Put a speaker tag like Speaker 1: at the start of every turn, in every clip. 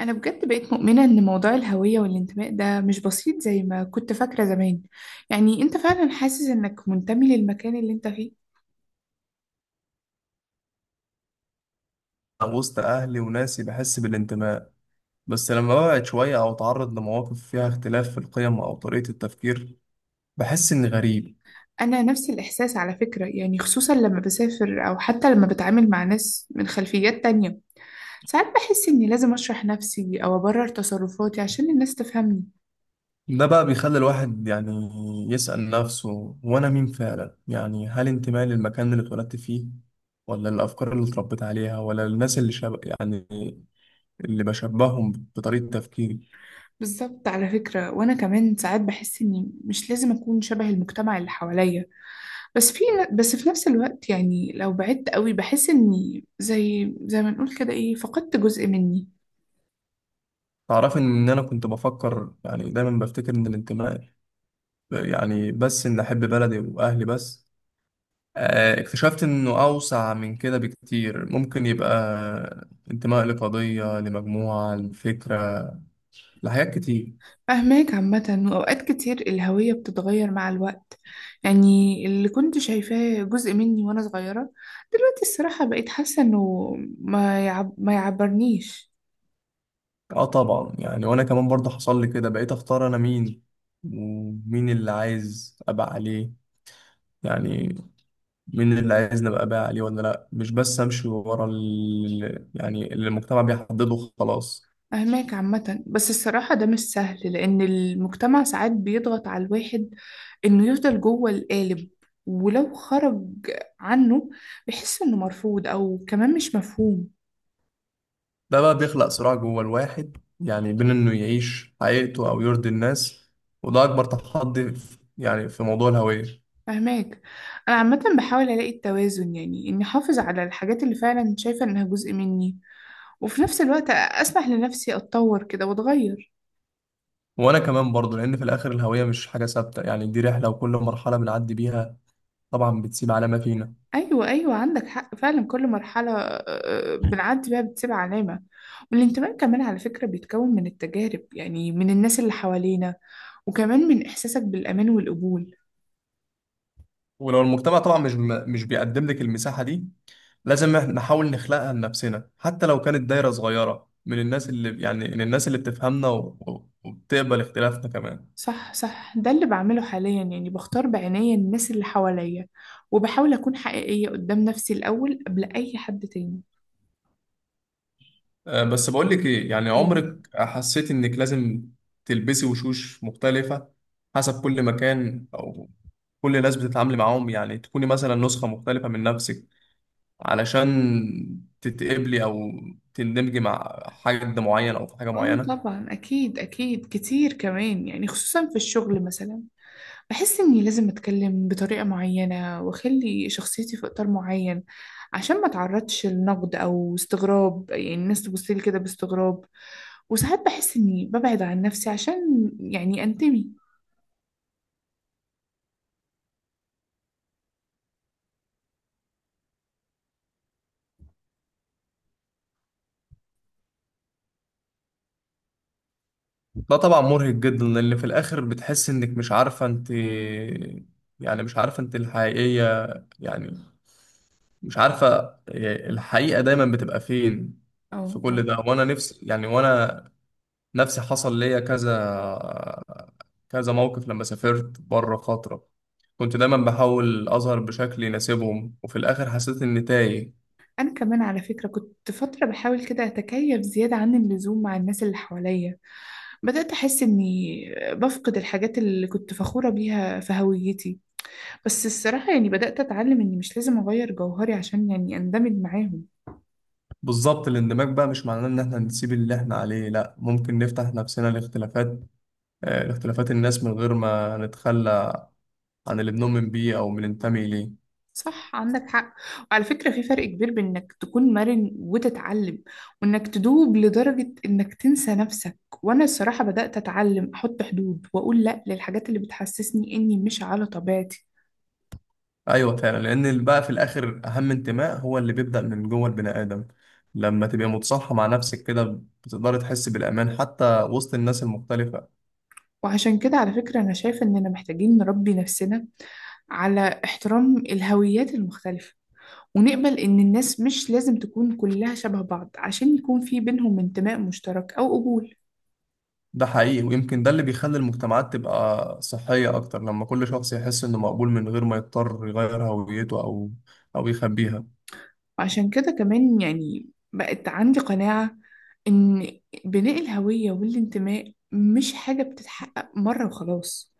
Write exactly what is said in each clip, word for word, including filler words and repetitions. Speaker 1: أنا بجد بقيت مؤمنة إن موضوع الهوية والانتماء ده مش بسيط زي ما كنت فاكرة زمان. يعني أنت فعلا حاسس إنك منتمي للمكان اللي أنت فيه؟
Speaker 2: وسط أهلي وناسي بحس بالانتماء، بس لما ببعد شوية أو أتعرض لمواقف فيها اختلاف في القيم أو طريقة التفكير بحس إني غريب.
Speaker 1: أنا نفس الإحساس على فكرة، يعني خصوصا لما بسافر أو حتى لما بتعامل مع ناس من خلفيات تانية. ساعات بحس إني لازم أشرح نفسي أو أبرر تصرفاتي عشان الناس تفهمني.
Speaker 2: ده بقى بيخلي الواحد يعني يسأل نفسه، وأنا مين فعلا؟ يعني هل انتمائي للمكان اللي اتولدت فيه، ولا الأفكار اللي اتربيت عليها، ولا الناس اللي شب... يعني اللي بشبههم بطريقة تفكيري؟
Speaker 1: بالظبط على فكرة، وأنا كمان ساعات بحس إني مش لازم أكون شبه المجتمع اللي حواليا. بس في بس في نفس الوقت، يعني لو بعدت قوي بحس اني، زي زي ما نقول كده، ايه، فقدت جزء مني.
Speaker 2: تعرف إن أنا كنت بفكر، يعني دايما بفتكر إن الانتماء يعني بس إن أحب بلدي وأهلي بس. آه، اكتشفت انه اوسع من كده بكتير، ممكن يبقى انتماء لقضية، لمجموعة، لفكرة، لحاجات كتير.
Speaker 1: فاهماك عامة. وأوقات كتير الهوية بتتغير مع الوقت، يعني اللي كنت شايفاه جزء مني وأنا صغيرة، دلوقتي الصراحة بقيت حاسة إنه ما يعب ما يعبرنيش.
Speaker 2: اه طبعا، يعني وانا كمان برضه حصل لي كده، بقيت اختار انا مين، ومين اللي عايز ابقى عليه. يعني مين اللي عايز نبقى بقى عليه ولا لا، مش بس امشي ورا ال... يعني اللي المجتمع بيحدده خلاص.
Speaker 1: أهماك عامة، بس الصراحة ده مش سهل، لأن المجتمع ساعات بيضغط على الواحد إنه يفضل جوه القالب، ولو خرج عنه بيحس إنه مرفوض أو كمان مش مفهوم.
Speaker 2: ده بقى بيخلق صراع جوه الواحد، يعني بين انه يعيش حقيقته او يرضي الناس، وده اكبر تحدي في- يعني في موضوع الهوية.
Speaker 1: فهماك. أنا عامة بحاول ألاقي التوازن، يعني إني أحافظ على الحاجات اللي فعلا شايفة إنها جزء مني، وفي نفس الوقت أسمح لنفسي أتطور كده وأتغير.
Speaker 2: وانا كمان برضو، لان في الاخر الهوية مش حاجة ثابتة، يعني دي رحلة وكل مرحلة بنعدي بيها طبعا بتسيب علامة فينا.
Speaker 1: ايوه، ايوه، عندك حق فعلا، كل مرحله آه، بنعدي بيها بتسيب علامه. والانتماء كمان على فكره بيتكون من التجارب، يعني من الناس اللي حوالينا وكمان من احساسك بالامان والقبول.
Speaker 2: ولو المجتمع طبعا مش م- مش بيقدم لك المساحة دي، لازم إحنا نحاول نخلقها لنفسنا، حتى لو كانت دايرة صغيرة من الناس اللي يعني من الناس اللي بتفهمنا و- و- وبتقبل اختلافنا كمان.
Speaker 1: صح، صح، ده اللي بعمله حاليا، يعني بختار بعناية الناس اللي حواليا، وبحاول اكون حقيقيه قدام نفسي الاول قبل اي حد تاني.
Speaker 2: أه، بس بقول لك ايه، يعني
Speaker 1: ايه.
Speaker 2: عمرك حسيت انك لازم تلبسي وشوش مختلفة حسب كل مكان او كل ناس بتتعاملي معاهم؟ يعني تكوني مثلا نسخة مختلفة من نفسك علشان تتقبلي او تندمجي مع حد معين او في حاجه
Speaker 1: اه،
Speaker 2: معينه.
Speaker 1: طبعا، اكيد اكيد كتير كمان، يعني خصوصا في الشغل مثلا بحس إني لازم أتكلم بطريقة معينة وأخلي شخصيتي في إطار معين، عشان ما أتعرضش لنقد أو استغراب، يعني الناس تبصلي كده باستغراب. وساعات بحس إني ببعد عن نفسي عشان يعني أنتمي.
Speaker 2: ده طبعا مرهق جدا، لان في الاخر بتحس انك مش عارفه انت، يعني مش عارفه انت الحقيقيه، يعني مش عارفه الحقيقه دايما بتبقى فين في
Speaker 1: أو أو
Speaker 2: كل ده. وانا نفسي، يعني وانا نفسي حصل ليا كذا كذا موقف لما سافرت بره فتره، كنت دايما بحاول اظهر بشكل يناسبهم وفي الاخر حسيت اني تايه.
Speaker 1: أنا كمان على فكرة كنت فترة بحاول كده أتكيف زيادة عن اللزوم مع الناس اللي حواليا، بدأت أحس إني بفقد الحاجات اللي كنت فخورة بيها في هويتي، بس الصراحة يعني بدأت أتعلم إني مش لازم أغير جوهري عشان يعني أندمج معاهم.
Speaker 2: بالظبط، الاندماج بقى مش معناه ان احنا نسيب اللي احنا عليه، لا، ممكن نفتح نفسنا لاختلافات، آه، لاختلافات الناس من غير ما نتخلى عن اللي بنؤمن بيه او بننتمي اليه.
Speaker 1: صح، عندك حق. وعلى فكرة في فرق كبير بين انك تكون مرن وتتعلم، وانك تدوب لدرجة انك تنسى نفسك. وانا الصراحة بدأت اتعلم احط حدود واقول لا للحاجات اللي بتحسسني اني مش على طبيعتي.
Speaker 2: ايوه فعلا، لان اللي بقى في الاخر اهم انتماء هو اللي بيبدأ من جوه البني ادم، لما تبقى متصالحة مع نفسك كده بتقدر تحس بالامان حتى وسط الناس المختلفة.
Speaker 1: وعشان كده على فكرة انا شايفة اننا محتاجين نربي نفسنا على احترام الهويات المختلفة، ونقبل ان الناس مش لازم تكون كلها شبه بعض عشان يكون في بينهم انتماء مشترك او قبول.
Speaker 2: ده حقيقي، ويمكن ده اللي بيخلي المجتمعات تبقى صحية اكتر، لما كل شخص يحس انه مقبول من غير ما يضطر يغير هويته او او يخبيها.
Speaker 1: وعشان كده كمان يعني بقت عندي قناعة إن بناء الهوية والانتماء مش حاجة بتتحقق مرة وخلاص.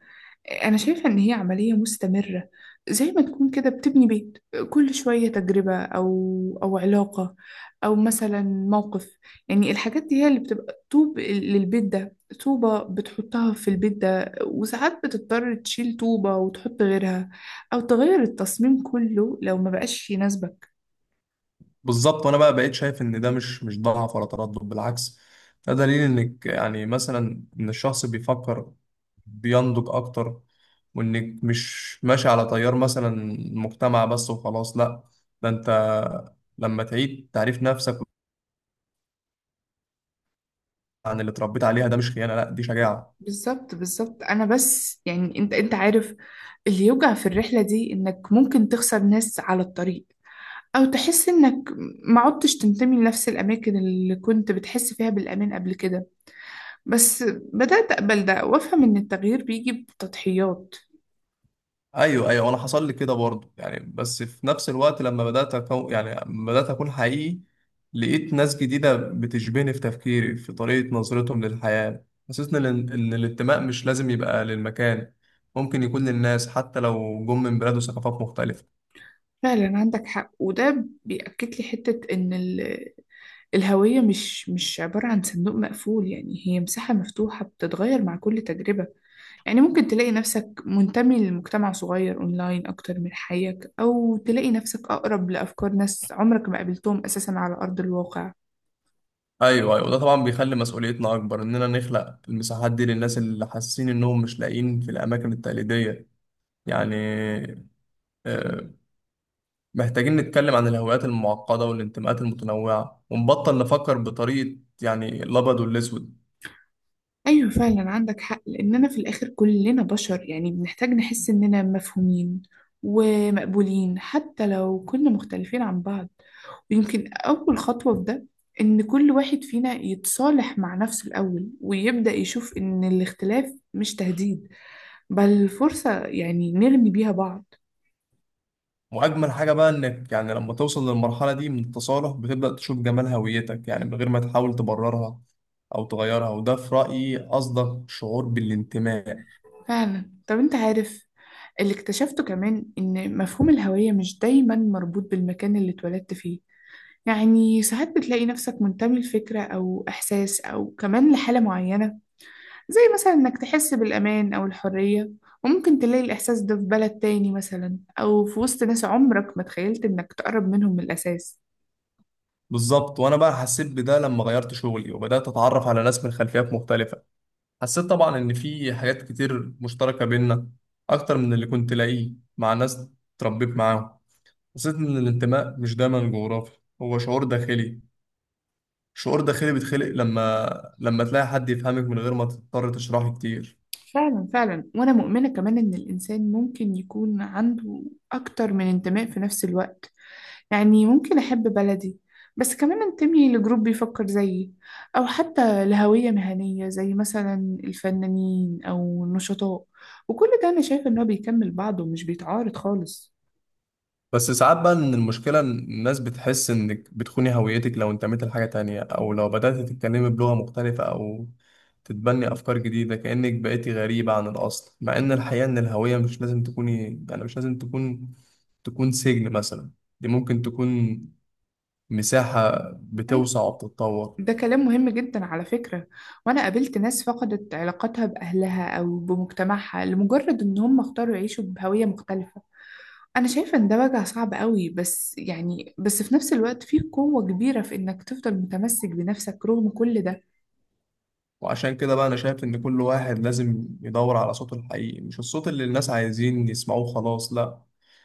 Speaker 1: أنا شايفة إن هي عملية مستمرة، زي ما تكون كده بتبني بيت، كل شوية تجربة أو أو علاقة أو مثلا موقف، يعني الحاجات دي هي اللي بتبقى طوب للبيت ده، طوبة بتحطها في البيت ده، وساعات بتضطر تشيل طوبة وتحط غيرها أو تغير التصميم كله لو ما بقاش يناسبك.
Speaker 2: بالظبط، وانا بقى بقيت شايف ان ده مش مش ضعف ولا تردد، بالعكس، ده دليل انك يعني مثلا ان الشخص بيفكر، بينضج اكتر، وانك مش ماشي على تيار مثلا المجتمع بس وخلاص، لا، ده انت لما تعيد تعريف نفسك عن اللي اتربيت عليها، ده مش خيانة، لا، دي شجاعة.
Speaker 1: بالظبط، بالظبط، انا بس يعني انت انت عارف اللي يوجع في الرحلة دي انك ممكن تخسر ناس على الطريق، او تحس انك ما عدتش تنتمي لنفس الاماكن اللي كنت بتحس فيها بالامان قبل كده. بس بدأت اقبل ده وافهم ان التغيير بيجي بتضحيات.
Speaker 2: ايوه ايوه انا حصل لي كده برضه، يعني بس في نفس الوقت لما بدات أكو يعني لما بدات اكون حقيقي لقيت ناس جديده بتشبهني في تفكيري في طريقه نظرتهم للحياه، حسيت ان ان الانتماء مش لازم يبقى للمكان، ممكن يكون للناس حتى لو جم من بلاد وثقافات مختلفه.
Speaker 1: فعلا عندك حق. وده بيأكد لي حتة ان ال- الهوية مش مش عبارة عن صندوق مقفول، يعني هي مساحة مفتوحة بتتغير مع كل تجربة. يعني ممكن تلاقي نفسك منتمي لمجتمع صغير أونلاين أكتر من حيك، أو تلاقي نفسك أقرب لأفكار ناس عمرك ما قابلتهم أساسا على أرض الواقع.
Speaker 2: ايوه ايوه، ده طبعا بيخلي مسؤوليتنا اكبر اننا نخلق المساحات دي للناس اللي حاسين انهم مش لاقيين في الاماكن التقليديه. يعني آه، محتاجين نتكلم عن الهويات المعقدة والانتماءات المتنوعة، ونبطل نفكر بطريقة يعني الأبيض والأسود.
Speaker 1: أيوة، فعلا عندك حق، لأننا في الآخر كلنا بشر يعني، بنحتاج نحس إننا مفهومين ومقبولين حتى لو كنا مختلفين عن بعض. ويمكن أول خطوة في ده إن كل واحد فينا يتصالح مع نفسه الأول ويبدأ يشوف إن الاختلاف مش تهديد، بل فرصة يعني نرمي بيها بعض.
Speaker 2: وأجمل حاجة بقى إنك يعني لما توصل للمرحلة دي من التصالح بتبدأ تشوف جمال هويتك يعني من غير ما تحاول تبررها أو تغيرها، وده في رأيي أصدق شعور بالانتماء.
Speaker 1: فعلا. طب انت عارف، اللي اكتشفته كمان ان مفهوم الهوية مش دايما مربوط بالمكان اللي اتولدت فيه، يعني ساعات بتلاقي نفسك منتمي لفكرة او احساس او كمان لحالة معينة، زي مثلا انك تحس بالامان او الحرية. وممكن تلاقي الاحساس ده في بلد تاني مثلا، او في وسط ناس عمرك ما تخيلت انك تقرب منهم من الاساس.
Speaker 2: بالظبط، وأنا بقى حسيت بده لما غيرت شغلي وبدأت أتعرف على ناس من خلفيات مختلفة، حسيت طبعا إن في حاجات كتير مشتركة بينا أكتر من اللي كنت لاقيه مع ناس اتربيت معاهم. حسيت إن الانتماء مش دايما جغرافي، هو شعور داخلي، شعور داخلي بيتخلق لما لما تلاقي حد يفهمك من غير ما تضطر تشرحه كتير.
Speaker 1: فعلا، فعلا، وانا مؤمنة كمان ان الانسان ممكن يكون عنده اكتر من انتماء في نفس الوقت، يعني ممكن أحب بلدي بس كمان أنتمي لجروب بيفكر زيي، أو حتى لهوية مهنية زي مثلا الفنانين أو النشطاء، وكل ده أنا شايفة إن هو بيكمل بعضه ومش بيتعارض خالص.
Speaker 2: بس ساعات بقى إن المشكلة إن الناس بتحس إنك بتخوني هويتك لو انتميت لحاجة تانية، أو لو بدأت تتكلمي بلغة مختلفة، أو تتبني أفكار جديدة، كأنك بقيتي غريبة عن الأصل، مع إن الحقيقة إن الهوية مش لازم تكوني يعني مش لازم تكون تكون سجن مثلا، دي ممكن تكون مساحة
Speaker 1: أيوة.
Speaker 2: بتوسع وبتتطور.
Speaker 1: ده كلام مهم جدا على فكرة. وأنا قابلت ناس فقدت علاقتها بأهلها أو بمجتمعها لمجرد إن هم اختاروا يعيشوا بهوية مختلفة. أنا شايفة إن ده وجع صعب قوي، بس يعني بس في نفس الوقت فيه قوة كبيرة في إنك تفضل متمسك بنفسك رغم كل ده.
Speaker 2: وعشان كده بقى أنا شايف إن كل واحد لازم يدور على صوته الحقيقي، مش الصوت اللي الناس عايزين يسمعوه، خلاص، لأ،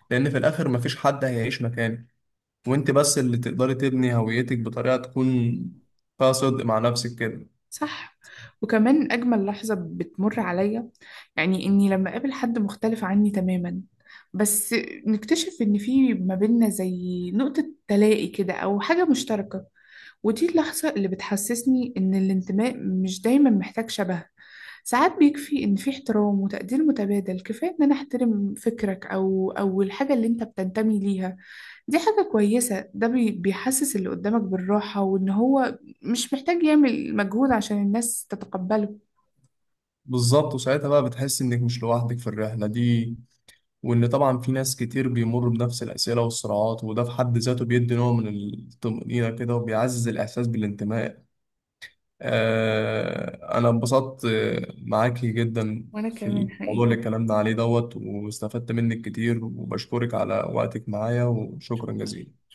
Speaker 2: لأن في الآخر مفيش حد هيعيش مكانك، وأنت بس اللي تقدري تبني هويتك بطريقة تكون فيها صدق مع نفسك كده.
Speaker 1: صح. وكمان أجمل لحظة بتمر عليا، يعني إني لما أقابل حد مختلف عني تماما، بس نكتشف إن في ما بيننا زي نقطة تلاقي كده أو حاجة مشتركة. ودي اللحظة اللي بتحسسني إن الانتماء مش دايما محتاج شبه، ساعات بيكفي إن في احترام وتقدير متبادل، كفاية إن أنا أحترم فكرك أو أو الحاجة اللي أنت بتنتمي ليها. دي حاجة كويسة، ده بي- بيحسس اللي قدامك بالراحة، وإن هو مش محتاج يعمل مجهود عشان الناس تتقبله.
Speaker 2: بالظبط، وساعتها بقى بتحس إنك مش لوحدك في الرحلة دي، وإن طبعا في ناس كتير بيمروا بنفس الأسئلة والصراعات، وده في حد ذاته بيدي نوع من الطمأنينة كده وبيعزز الإحساس بالانتماء. آه، أنا انبسطت آه، معاكي جدا
Speaker 1: وأنا
Speaker 2: في
Speaker 1: كمان
Speaker 2: الموضوع اللي
Speaker 1: حقيقي.
Speaker 2: اتكلمنا عليه دوت، واستفدت منك كتير، وبشكرك على وقتك معايا، وشكرا
Speaker 1: شكرا.
Speaker 2: جزيلا.